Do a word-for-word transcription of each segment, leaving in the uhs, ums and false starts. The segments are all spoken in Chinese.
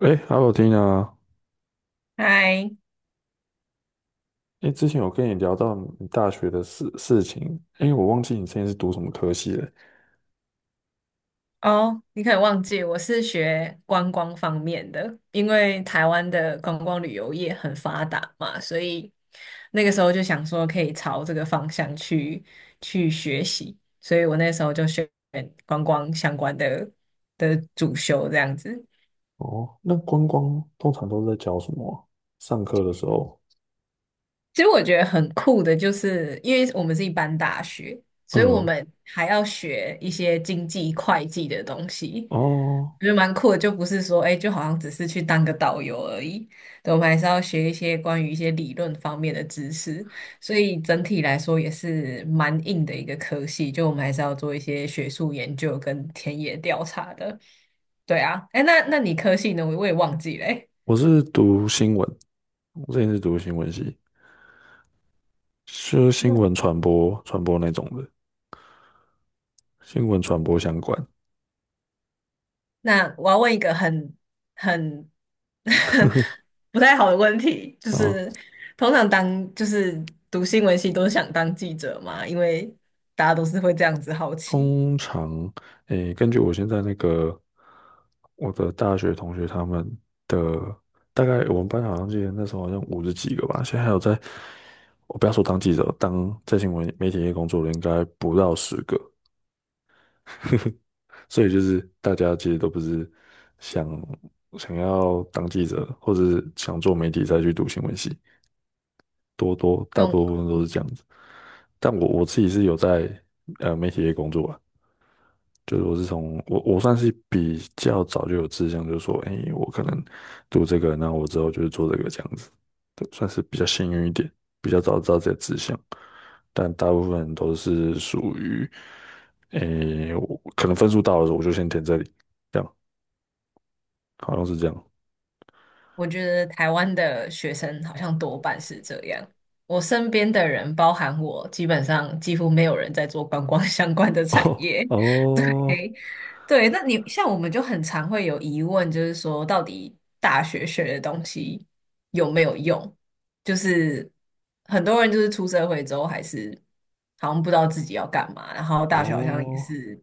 哎好好 l 啊！o 嗨，t 哎，之前有跟你聊到你大学的事事情，哎，我忘记你之前是读什么科系了。哦，你可能忘记我是学观光方面的，因为台湾的观光旅游业很发达嘛，所以那个时候就想说可以朝这个方向去去学习，所以我那时候就选观光相关的的主修这样子。哦，那观光通常都是在教什么啊上课的时候，其实我觉得很酷的，就是因为我们是一般大学，所以我嗯，们还要学一些经济会计的东西。哦，我觉得蛮酷的，就不是说，哎，就好像只是去当个导游而已。对，我们还是要学一些关于一些理论方面的知识，所以整体来说也是蛮硬的一个科系。就我们还是要做一些学术研究跟田野调查的。对啊，哎，那那你科系呢？我我也忘记了欸。我是读新闻，我之前是读新闻系，是新闻传播传播那种的，新闻传播相关。那我要问一个很很 不太好的问题，就是通常当就是读新闻系都是想当记者嘛，因为大家都是会这样子好奇。通常，诶，根据我现在那个我的大学同学他们的大概，我们班好像记得那时候好像五十几个吧，现在还有在，我不要说当记者，当在新闻媒体业工作的应该不到十个，所以就是大家其实都不是想想要当记者或者是想做媒体再去读新闻系，多多大嗯，部分都是这样子，但我我自己是有在呃媒体业工作啊。就是我是从我我算是比较早就有志向，就是说，哎，我可能读这个，那我之后就是做这个这样子，对，算是比较幸运一点，比较早知道这己的志向。但大部分人都是属于，哎，我可能分数到了，我就先填这里，这样好像是这样。我觉得台湾的学生好像多半是这样。我身边的人，包含我，基本上几乎没有人在做观光相关的 产业。哦哦诶，对，那你像我们就很常会有疑问，就是说到底大学学的东西有没有用？就是很多人就是出社会之后还是好像不知道自己要干嘛，然后大学好像也哦，是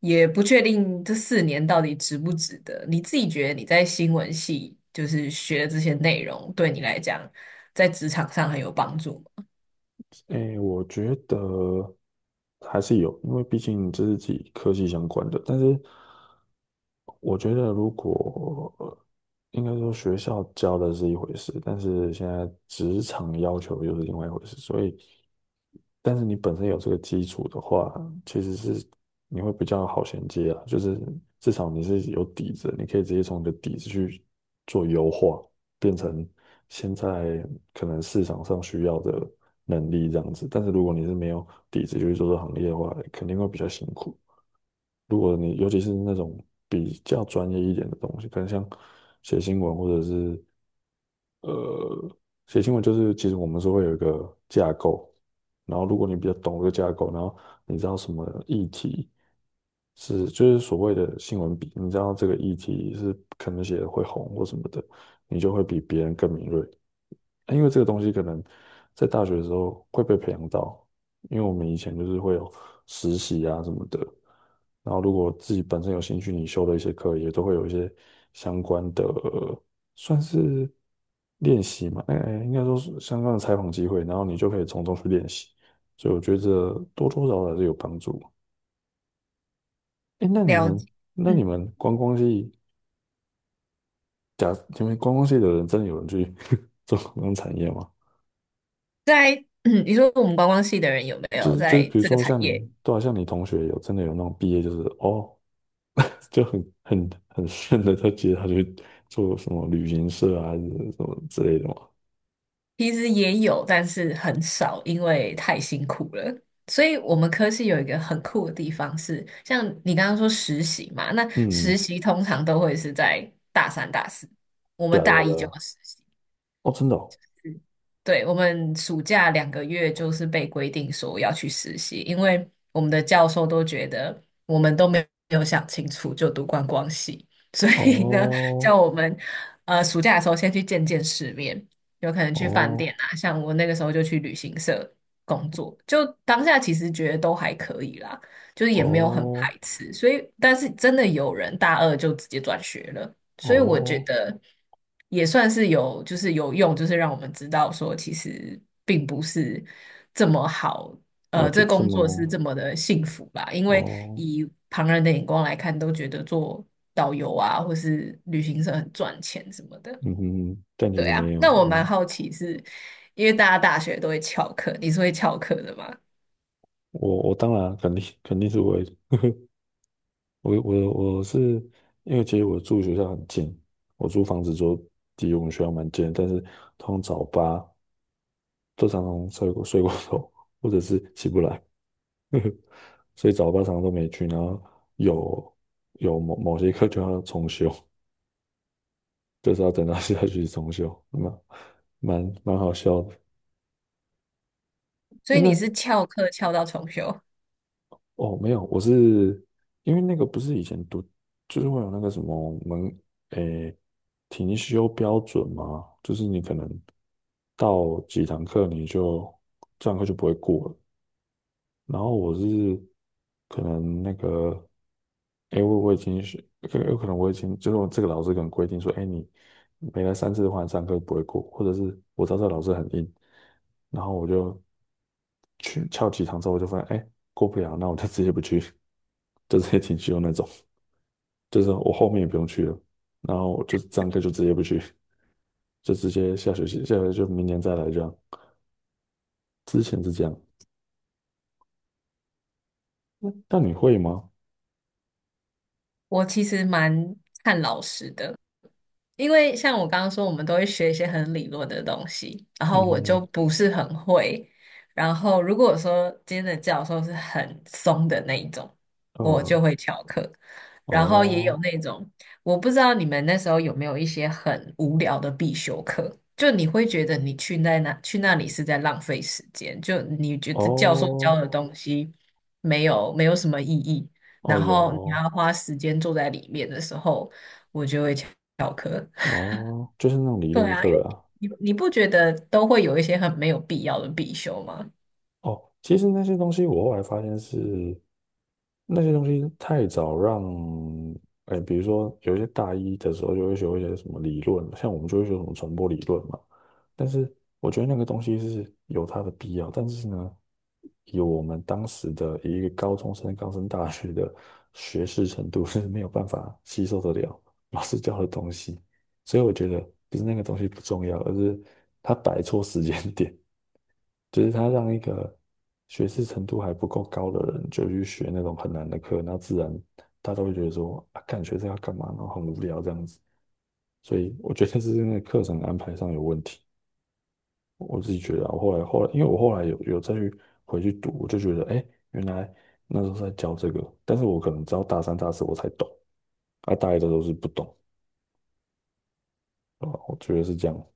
也不确定这四年到底值不值得。你自己觉得你在新闻系就是学的这些内容，对你来讲在职场上很有帮助吗？哎，我觉得还是有，因为毕竟这是自己科技相关的，但是，我觉得，如果应该说学校教的是一回事，但是现在职场要求又是另外一回事，所以，但是你本身有这个基础的话，其实是你会比较好衔接啊，就是至少你是有底子，你可以直接从你的底子去做优化，变成现在可能市场上需要的能力这样子。但是如果你是没有底子就去做这个行业的话，肯定会比较辛苦。如果你尤其是那种比较专业一点的东西，可能像写新闻或者是呃写新闻，就是其实我们是会有一个架构，然后如果你比较懂这个架构，然后你知道什么议题是就是所谓的新闻比，你知道这个议题是可能写的会红或什么的，你就会比别人更敏锐。因为这个东西可能在大学的时候会被培养到，因为我们以前就是会有实习啊什么的，然后如果自己本身有兴趣，你修的一些课也都会有一些相关的，算是练习嘛，哎、哎，应该说是相关的采访机会，然后你就可以从中去练习，所以我觉得多多少少还是有帮助。哎、那你了们解，那你嗯，们观光系假你们观光系的人真的有人去 做观光产业吗？在 你说我们观光系的人有没就有是就是，在比如这个说产像你，业？对啊，像你同学有真的有那种毕业，就是哦，就很很很顺的，他接他去做什么旅行社啊，还是什么之类的嘛。其实也有，但是很少，因为太辛苦了。所以我们科系有一个很酷的地方是，像你刚刚说实习嘛，那实嗯，习通常都会是在大三、大四，我对们啊，对啊，大一对就要啊。实习。哦，真的哦，对，我们暑假两个月就是被规定说要去实习，因为我们的教授都觉得我们都没有想清楚就读观光系，所以呢，哦，叫我们呃暑假的时候先去见见世面，有可能去饭店哦，啊，像我那个时候就去旅行社工作，就当下其实觉得都还可以啦，就是也没有很排哦，斥，所以但是真的有人大二就直接转学了。所以我觉哦，得也算是有，就是有用，就是让我们知道说，其实并不是这么好，哦，呃，就这这工么作是哦，这么的幸福吧？因为哦，以旁人的眼光来看，都觉得做导游啊，或是旅行社很赚钱什么的。嗯哼，但其对实啊，没有，那我蛮哦，好奇是，因为大家大学都会翘课，你是会翘课的吗？我我当然肯定肯定是我。我我我是因为其实我住学校很近，我租房子就离我们学校蛮近的但是通常早八都常常睡过睡过头，或者是起不来，所以早八常常都没去，然后有有某某些课就要重修，就是要等到下学期重修，那蛮蛮好笑的。所诶，以你那是翘课翘到重修？哦，没有，我是因为那个不是以前读，就是会有那个什么门，诶，停修标准嘛，就是你可能到几堂课你就这堂课就不会过了，然后我是可能那个，哎，我我已经是，可有可能我已经就是我这个老师可能规定说，哎，你没来三次的话，你上课不会过，或者是我知道这个老师很硬，然后我就去翘几堂之后，我就发现，哎，过不了，那我就直接不去，就直接停休那种，就是我后面也不用去了，然后我就上课就直接不去，就直接下学期，下学期就明年再来这样，之前是这样，那那你会吗？我其实蛮看老师的，因为像我刚刚说，我们都会学一些很理论的东西，然后我嗯，就不是很会。然后如果说今天的教授是很松的那一种，我呃，就会翘课。然后也有哦。那种，我不知道你们那时候有没有一些很无聊的必修课，就你会觉得你去那那去那里是在浪费时间，就你觉得教授教哦，的东西没有没有什么意义，哦，然有后你还哦，要花时间坐在里面的时候，我就会翘课。哦，就是那种理对论啊，因为课啊。你你不觉得都会有一些很没有必要的必修吗？哦，其实那些东西我后来发现是那些东西太早让，哎，比如说有一些大一的时候就会学一些什么理论，像我们就会学什么传播理论嘛。但是我觉得那个东西是有它的必要，但是呢，以我们当时的一个高中生刚升大学的学识程度是没有办法吸收得了老师教的东西，所以我觉得不是那个东西不重要，而是它摆错时间点。就是他让一个学识程度还不够高的人就去学那种很难的课，那自然大家都会觉得说啊，干学生要干嘛，然后很无聊这样子。所以我觉得是那个课程安排上有问题，我自己觉得啊。我后来后来，因为我后来有有再去回去读，我就觉得哎，原来那时候在教这个，但是我可能直到大三大四我才懂，啊，大一的时候是不懂，啊，我觉得是这样。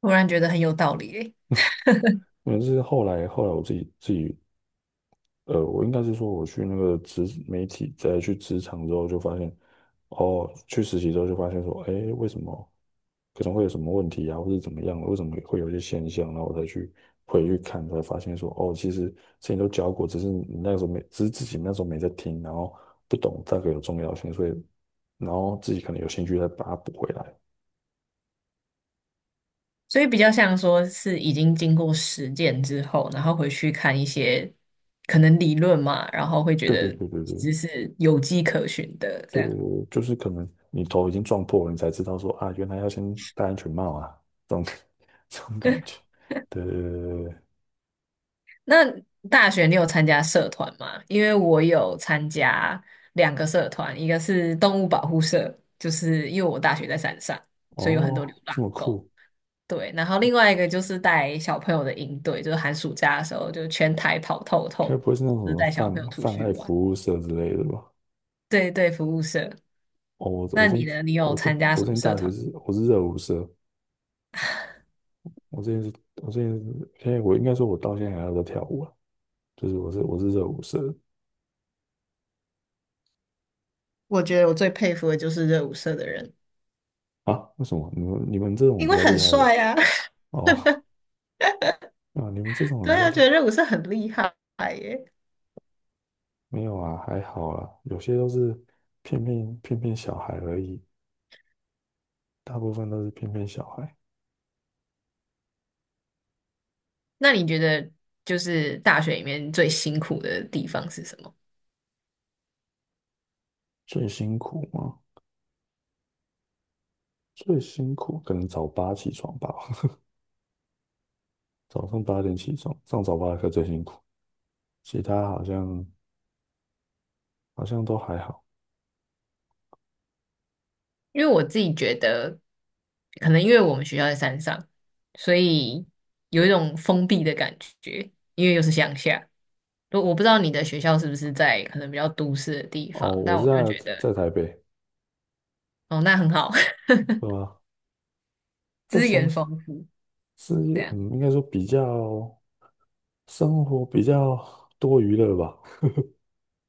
突然觉得很有道理诶，因为是后来后来我自己自己呃，我应该是说，我去那个职媒体，再去职场之后，就发现，哦，去实习之后就发现说，哎，为什么可能会有什么问题啊，或者怎么样的为什么会有一些现象，然后我才去回去看，才发现说，哦，其实之前都教过，只是你那时候没，只是自己那时候没在听，然后不懂大概有重要性，所以，然后自己可能有兴趣再把它补回来。所以比较像说是已经经过实践之后，然后回去看一些可能理论嘛，然后会觉对对得对对对，其实是有迹可循的这对对样。对，就是可能你头已经撞破了，你才知道说啊，原来要先戴安全帽啊，这种 这种感觉。对对对对对，那大学你有参加社团吗？因为我有参加两个社团，一个是动物保护社，就是因为我大学在山上，所以有很多流哦，浪这么狗。酷，对，然后另外一个就是带小朋友的营队，就是寒暑假的时候就全台跑透该透，不会是那种什就是么带小朋泛友出泛去爱玩。服务社之类的吧？对对，服务社。哦，我我那之你前呢？你有我之前参加我什之么前社大学团？是我是热舞社，我之前是我之前是现在我应该说我到现在还有在跳舞啊，就是我是我是热舞社的我觉得我最佩服的就是热舞社的人，啊？为什么你们你们这种因比为较很厉害吧？帅啊。哦，啊，你们这 种比对较啊，觉厉得热舞社很厉害耶。没有啊，还好啦，有些都是骗骗骗骗小孩而已，大部分都是骗骗小孩。那你觉得就是大学里面最辛苦的地方是什么？最辛苦吗？最辛苦可能早八起床吧，早上八点起床，上早八的课最辛苦，其他好像好像都还好。因为我自己觉得，可能因为我们学校在山上，所以有一种封闭的感觉，因为又是乡下。我我不知道你的学校是不是在可能比较都市的地哦，方，我但是我就在觉得在台北，哦，那很好，对吧？在资乡源下丰富，是这样，嗯，应该说比较生活比较多娱乐吧，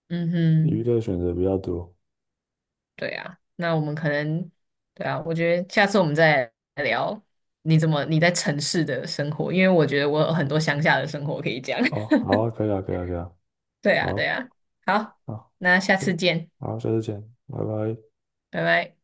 嗯娱哼，乐选择比较多。对啊，那我们可能，对啊，我觉得下次我们再来聊你怎么你在城市的生活，因为我觉得我有很多乡下的生活可以讲，哦，好啊，可以啊，可以啊，可以啊，对啊，对好，啊，好，好，那下次嗯见，好，下次见，拜拜。拜拜。